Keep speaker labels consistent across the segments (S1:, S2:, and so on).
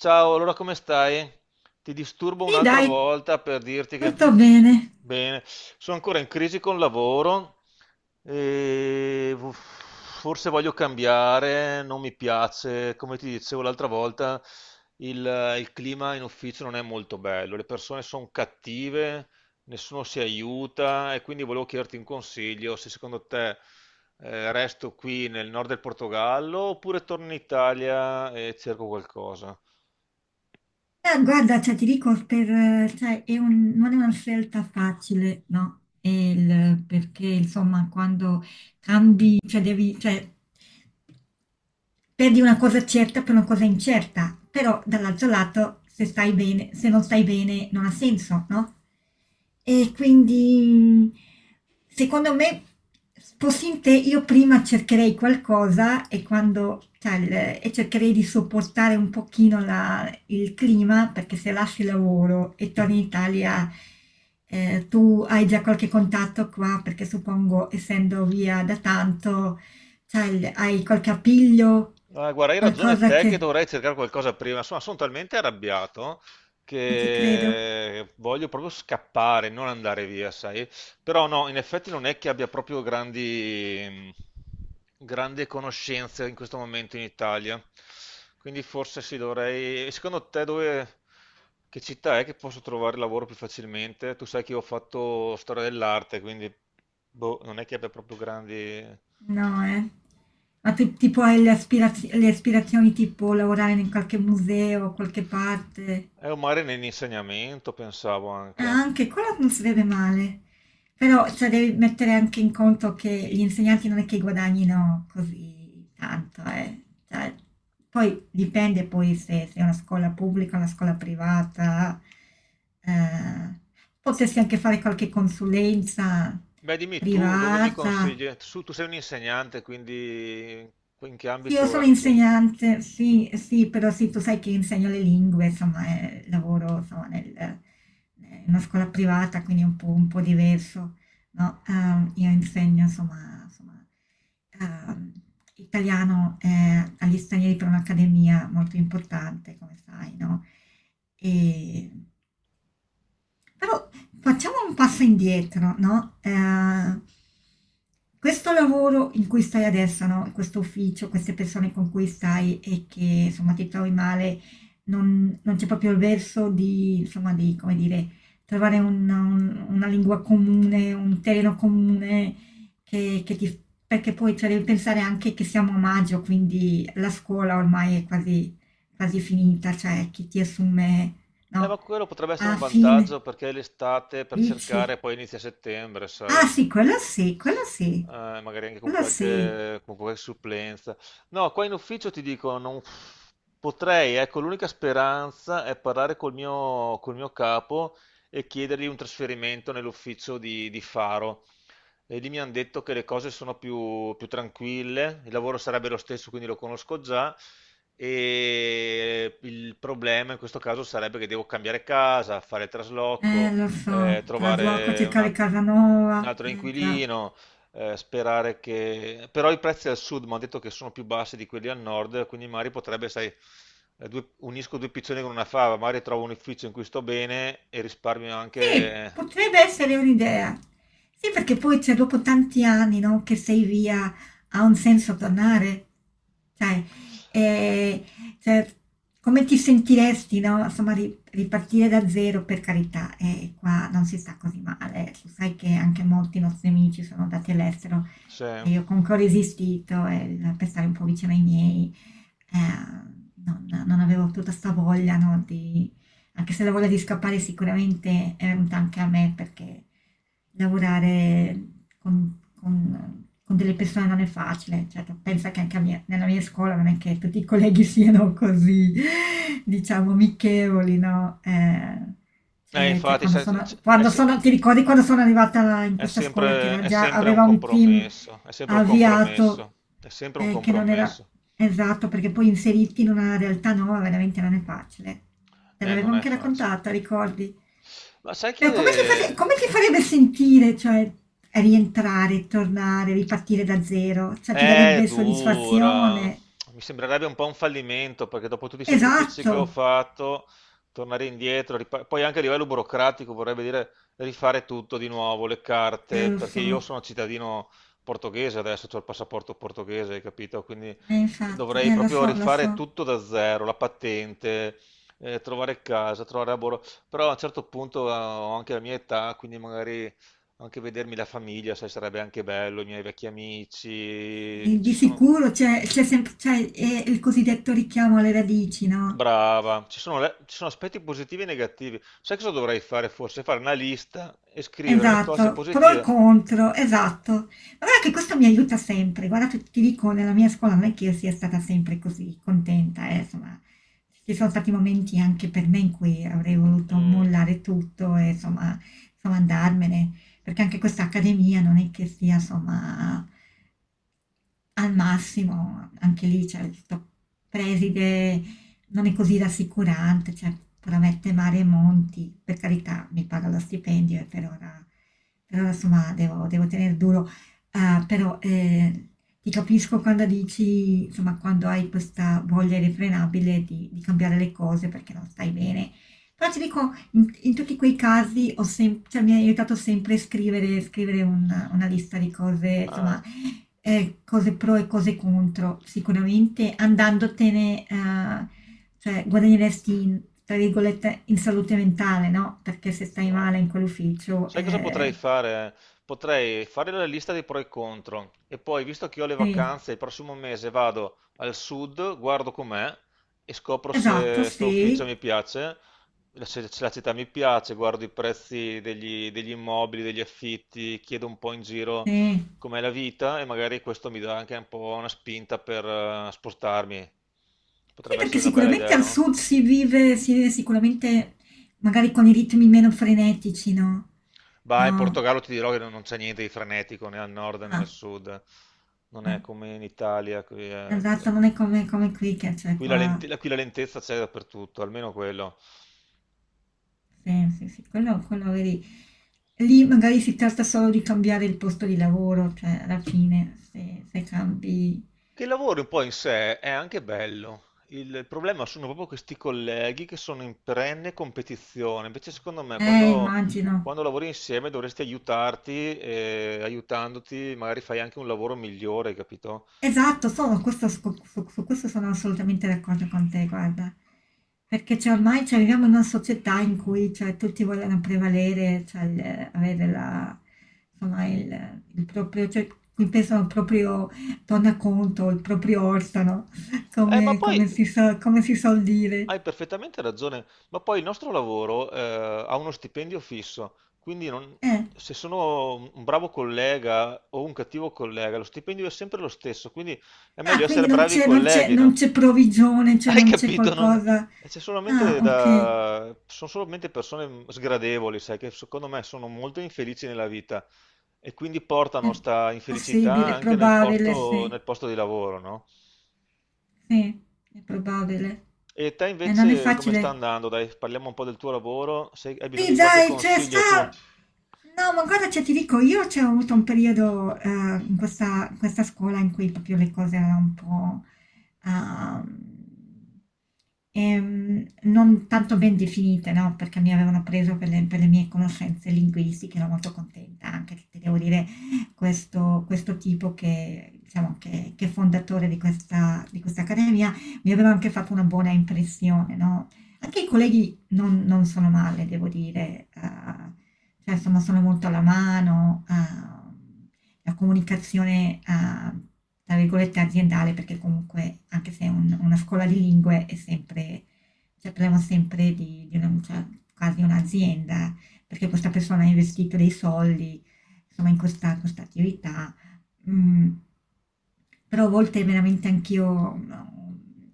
S1: Ciao, allora come stai? Ti disturbo
S2: Sì,
S1: un'altra
S2: dai,
S1: volta per dirti che...
S2: tutto bene.
S1: Bene, sono ancora in crisi con il lavoro e forse voglio cambiare, non mi piace, come ti dicevo l'altra volta, il clima in ufficio non è molto bello, le persone sono cattive, nessuno si aiuta e quindi volevo chiederti un consiglio se secondo te resto qui nel nord del Portogallo oppure torno in Italia e cerco qualcosa.
S2: Guarda, cioè, ti dico, cioè, non è una scelta facile, no? Perché, insomma, quando cambi, cioè, devi, cioè, perdi una cosa certa per una cosa incerta, però dall'altro lato se stai bene, se non stai bene non ha senso, no? E quindi secondo me fossi in te io prima cercherei qualcosa e quando cioè, e cercherei di sopportare un pochino il clima perché se lasci il lavoro e torni in Italia, tu hai già qualche contatto qua perché suppongo essendo via da tanto, cioè, hai qualche appiglio?
S1: Ah, guarda, hai ragione
S2: Qualcosa
S1: te che
S2: che.
S1: dovrei cercare qualcosa prima. Insomma, sono talmente arrabbiato
S2: Ci credo.
S1: che voglio proprio scappare, non andare via, sai? Però no, in effetti non è che abbia proprio grandi, grandi conoscenze in questo momento in Italia. Quindi forse sì, dovrei... E secondo te dove... Che città è che posso trovare lavoro più facilmente? Tu sai che io ho fatto storia dell'arte, quindi boh, non è che abbia proprio grandi...
S2: No, eh. Ma tu tipo hai le aspirazioni tipo lavorare in qualche museo, qualche parte?
S1: È un mare nell'insegnamento, pensavo
S2: Ah,
S1: anche.
S2: anche quello non si vede male, però cioè, devi mettere anche in conto che gli insegnanti non è che guadagnino così tanto, eh. Cioè, poi dipende poi se è una scuola pubblica, una scuola privata, eh, potresti anche fare qualche consulenza
S1: Beh, dimmi tu dove mi
S2: privata.
S1: consigli? Su, tu sei un insegnante, quindi in che
S2: Sì, io
S1: ambito è
S2: sono
S1: che...
S2: insegnante, sì, sì, però sì, tu sai che insegno le lingue, insomma, lavoro, insomma, in una scuola privata, quindi è un po' diverso, no? Io insegno, insomma, ehm, italiano, agli stranieri per un'accademia molto importante, come sai, no? E però facciamo un passo indietro, no? Questo lavoro in cui stai adesso, no? Questo ufficio, queste persone con cui stai e che insomma ti trovi male, non c'è proprio il verso di, insomma, come dire, trovare una lingua comune, un terreno comune che ti. Perché poi cioè, devi pensare anche che siamo a maggio, quindi la scuola ormai è quasi finita, cioè chi ti assume,
S1: Ma
S2: no?
S1: quello potrebbe essere
S2: A
S1: un
S2: fine
S1: vantaggio perché è l'estate per cercare,
S2: Dici?
S1: poi inizia settembre,
S2: Ah
S1: sai?
S2: sì, quello sì, quello sì,
S1: Magari anche
S2: quello sì.
S1: con qualche supplenza. No, qua in ufficio ti dico, non potrei, ecco, l'unica speranza è parlare col mio capo e chiedergli un trasferimento nell'ufficio di Faro. E lì mi hanno detto che le cose sono più, più tranquille, il lavoro sarebbe lo stesso, quindi lo conosco già. E il problema in questo caso sarebbe che devo cambiare casa, fare il trasloco,
S2: Lo so, trasloco
S1: trovare un,
S2: circa le
S1: un
S2: Casanova.
S1: altro
S2: Eh già.
S1: inquilino, sperare che... Però i prezzi al sud mi hanno detto che sono più bassi di quelli al nord, quindi magari potrebbe, sai, unisco due piccioni con una fava, magari trovo un ufficio in cui sto bene e risparmio
S2: Sì,
S1: anche...
S2: potrebbe essere un'idea. Sì, perché poi cioè, dopo tanti anni, no, che sei via, ha un senso tornare. Sai, eh, cioè, come ti sentiresti, no? Insomma, ripartire da zero, per carità, e qua non si sta così male. Tu sai che anche molti nostri amici sono andati all'estero
S1: Sì.
S2: e io comunque ho resistito, per stare un po' vicino ai miei. eh, non avevo tutta sta voglia, no, di anche se la voglia di scappare sicuramente è venuta anche a me perché lavorare con delle persone non è facile, cioè, tu pensa che anche nella mia scuola non è che tutti i colleghi siano così, diciamo, amichevoli, no? Eh, cioè, cioè,
S1: Infatti, sai, è,
S2: ti ricordi quando sono arrivata in questa scuola che era
S1: è
S2: già,
S1: sempre un
S2: aveva un team
S1: compromesso, è sempre un
S2: avviato.
S1: compromesso, è sempre un
S2: Che non era
S1: compromesso.
S2: esatto, perché poi inserirti in una realtà nuova veramente non è facile. Te l'avevo
S1: Non è
S2: anche
S1: facile.
S2: raccontata, ricordi?
S1: Ma sai
S2: Però
S1: che
S2: come ti farebbe sentire, cioè, rientrare, tornare, ripartire da zero? Cioè, ti
S1: è
S2: darebbe
S1: dura.
S2: soddisfazione.
S1: Mi sembrerebbe un po' un fallimento perché dopo tutti i sacrifici che
S2: Esatto.
S1: ho fatto, tornare indietro, poi anche a livello burocratico vorrebbe dire rifare tutto di nuovo, le carte,
S2: Lo
S1: perché io
S2: so.
S1: sono cittadino portoghese adesso, ho il passaporto portoghese, hai capito? Quindi
S2: Infatti,
S1: dovrei
S2: lo
S1: proprio
S2: so, lo
S1: rifare
S2: so.
S1: tutto da zero, la patente, trovare casa, trovare lavoro. Però a un certo punto ho anche la mia età, quindi magari anche vedermi la famiglia, sai, sarebbe anche bello, i miei vecchi amici,
S2: Di
S1: ci
S2: di
S1: sono...
S2: sicuro c'è sempre, il cosiddetto richiamo alle radici, no?
S1: Brava, ci sono, ci sono aspetti positivi e negativi. Sai cosa dovrei fare forse? Fare una lista e scrivere le cose
S2: Esatto, pro e
S1: positive.
S2: contro, esatto. Ma guarda che questo mi aiuta sempre. Guarda, ti dico, nella mia scuola non è che io sia stata sempre così contenta, insomma, ci sono stati momenti anche per me in cui avrei voluto
S1: Mm.
S2: mollare tutto e, insomma, andarmene, perché anche questa accademia non è che sia, insomma, al massimo, anche lì, cioè, questo preside non è così rassicurante, cioè, promette mare e monti, per carità, mi paga lo stipendio e per ora, insomma, devo tenere duro. Ah, però ti capisco quando dici, insomma, quando hai questa voglia irrefrenabile di cambiare le cose perché non stai bene. Però ti dico, in tutti quei casi mi ha aiutato sempre a scrivere, una lista di cose, insomma,
S1: Ah.
S2: Cose pro e cose contro. Sicuramente andandotene, cioè guadagneresti in tra virgolette "in salute mentale", no, perché se stai
S1: Bravo.
S2: male in quell'ufficio,
S1: Sai cosa potrei fare? Potrei fare la lista dei pro e contro e poi, visto che ho le
S2: sì,
S1: vacanze, il prossimo mese vado al sud, guardo com'è e scopro
S2: esatto,
S1: se sto ufficio
S2: sì,
S1: mi piace, se la città mi piace, guardo i prezzi degli, degli immobili, degli affitti, chiedo un po' in giro
S2: sì.
S1: com'è la vita e magari questo mi dà anche un po' una spinta per spostarmi.
S2: Sì,
S1: Potrebbe
S2: perché
S1: essere una bella
S2: sicuramente
S1: idea,
S2: al
S1: no?
S2: sud si vive sicuramente magari con i ritmi meno frenetici, no?
S1: Bah, in
S2: No.
S1: Portogallo ti dirò che non c'è niente di frenetico né al nord né al
S2: Ah,
S1: sud. Non
S2: eh.
S1: è come in Italia. Qui,
S2: Esatto, non è come qui che cioè qua.
S1: qui la lentezza c'è dappertutto, almeno quello.
S2: Sì, sì, sì, quello vedi, lì magari si tratta solo di cambiare il posto di lavoro, cioè alla fine se cambi.
S1: Che il lavoro un po' in sé è anche bello. Il problema sono proprio questi colleghi che sono in perenne competizione. Invece, secondo me, quando,
S2: Immagino.
S1: quando lavori insieme dovresti aiutarti e aiutandoti magari fai anche un lavoro migliore, capito?
S2: Esatto, sono, questo- su, su- su questo sono assolutamente d'accordo con te, guarda, perché cioè, ormai cioè, viviamo in una società in cui cioè, tutti vogliono prevalere, cioè, avere la, insomma, il proprio, cioè, qui pensano al proprio tornaconto, il proprio orstano,
S1: Ma poi
S2: come si suol dire.
S1: Hai perfettamente ragione, ma poi il nostro lavoro ha uno stipendio fisso, quindi
S2: Eh.
S1: se sono un bravo collega o un cattivo collega, lo stipendio è sempre lo stesso, quindi è meglio
S2: Ah,
S1: essere
S2: quindi
S1: bravi colleghi,
S2: non
S1: no?
S2: c'è provvigione, cioè
S1: Hai
S2: non c'è
S1: capito?
S2: qualcosa.
S1: C'è
S2: Ah,
S1: solamente
S2: okay.
S1: da... Sono solamente persone sgradevoli, sai, che secondo me sono molto infelici nella vita e quindi
S2: È
S1: portano sta infelicità
S2: possibile, è
S1: anche nel
S2: probabile, sì.
S1: nel posto di lavoro, no?
S2: Sì, è probabile.
S1: E te
S2: Non è
S1: invece come sta
S2: facile.
S1: andando? Dai, parliamo un po' del tuo lavoro. Se hai bisogno
S2: Sì,
S1: di qualche
S2: dai, c'è
S1: consiglio tu?
S2: sta. No, ma guarda, cioè, ti dico, io c'è avuto un periodo, in questa scuola in cui proprio le cose erano un po' ehm, non tanto ben definite, no? Perché mi avevano preso per le mie conoscenze linguistiche, ero molto contenta anche che ti devo dire questo, questo tipo che, diciamo, che è fondatore di questa accademia mi aveva anche fatto una buona impressione, no? Anche i colleghi non sono male, devo dire, cioè insomma sono molto alla mano, la comunicazione, tra virgolette, aziendale, perché comunque anche se è una scuola di lingue è sempre, cioè parliamo sempre di una, cioè, quasi un'azienda, perché questa persona ha investito dei soldi, insomma, in questa attività. Mm, Però a volte veramente anch'io no,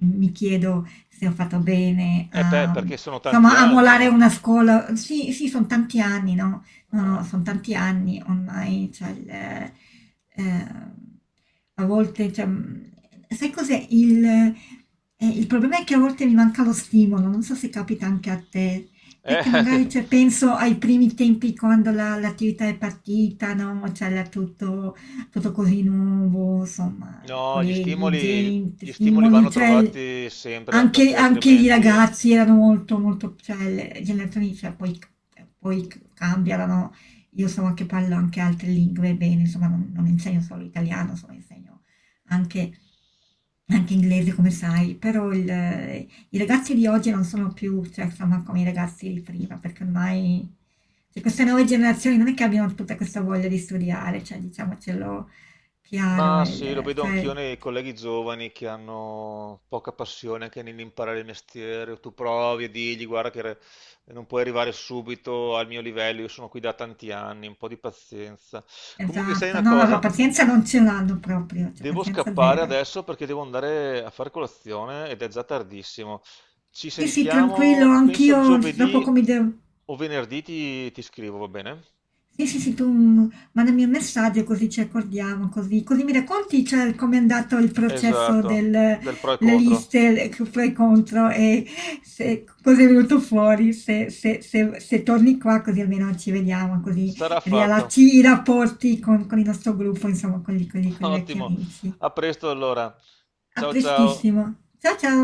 S2: mi chiedo se ho fatto bene
S1: Eh beh,
S2: a,
S1: perché sono tanti
S2: insomma, a
S1: anni.
S2: mollare una scuola. Sì, sì, sono tanti anni, no? No,
S1: Ah.
S2: no, sono tanti anni ormai, cioè, a volte, cioè, sai cos'è? Il problema è che a volte mi manca lo stimolo, non so se capita anche a te, perché
S1: Eh, ti-
S2: magari cioè, penso ai primi tempi quando l'attività è partita, no? C'era tutto, tutto così nuovo, insomma
S1: no,
S2: colleghi, gente,
S1: gli stimoli vanno
S2: stimoli, cioè il-.
S1: trovati sempre,
S2: anche,
S1: perché
S2: anche i
S1: altrimenti...
S2: ragazzi erano molto, molto, cioè le generazioni, cioè, poi cambiano, no? Io so che parlo anche altre lingue bene, insomma non insegno solo italiano, insomma insegno anche, anche inglese come sai, però i ragazzi di oggi non sono più, cioè, insomma, come i ragazzi di prima, perché ormai cioè, queste nuove generazioni non è che abbiano tutta questa voglia di studiare, cioè diciamocelo chiaro,
S1: Ma sì, lo
S2: il-
S1: vedo
S2: cioè.
S1: anch'io nei colleghi giovani che hanno poca passione anche nell'imparare il mestiere. Tu provi e digli, guarda che non puoi arrivare subito al mio livello, io sono qui da tanti anni, un po' di pazienza. Comunque, sai
S2: Esatto,
S1: una
S2: no, no, la
S1: cosa,
S2: pazienza non ce l'hanno proprio, cioè
S1: devo
S2: pazienza
S1: scappare
S2: zero.
S1: adesso perché devo andare a fare colazione ed è già tardissimo. Ci
S2: Sì, sì, tranquillo,
S1: sentiamo, penso
S2: anch'io tra
S1: giovedì
S2: poco mi devo.
S1: o venerdì ti, ti scrivo, va bene?
S2: Sì, sì, sì, tu mandami un messaggio così ci accordiamo, così mi racconti, cioè, com'è andato il processo
S1: Esatto,
S2: delle
S1: del pro e contro.
S2: liste che pro e contro e se, cosa è venuto fuori, se torni qua così almeno ci vediamo, così
S1: Sarà fatto.
S2: riallacci i rapporti con il nostro gruppo, insomma, con i vecchi
S1: Ottimo,
S2: amici.
S1: a presto allora.
S2: A
S1: Ciao ciao.
S2: prestissimo. Ciao ciao!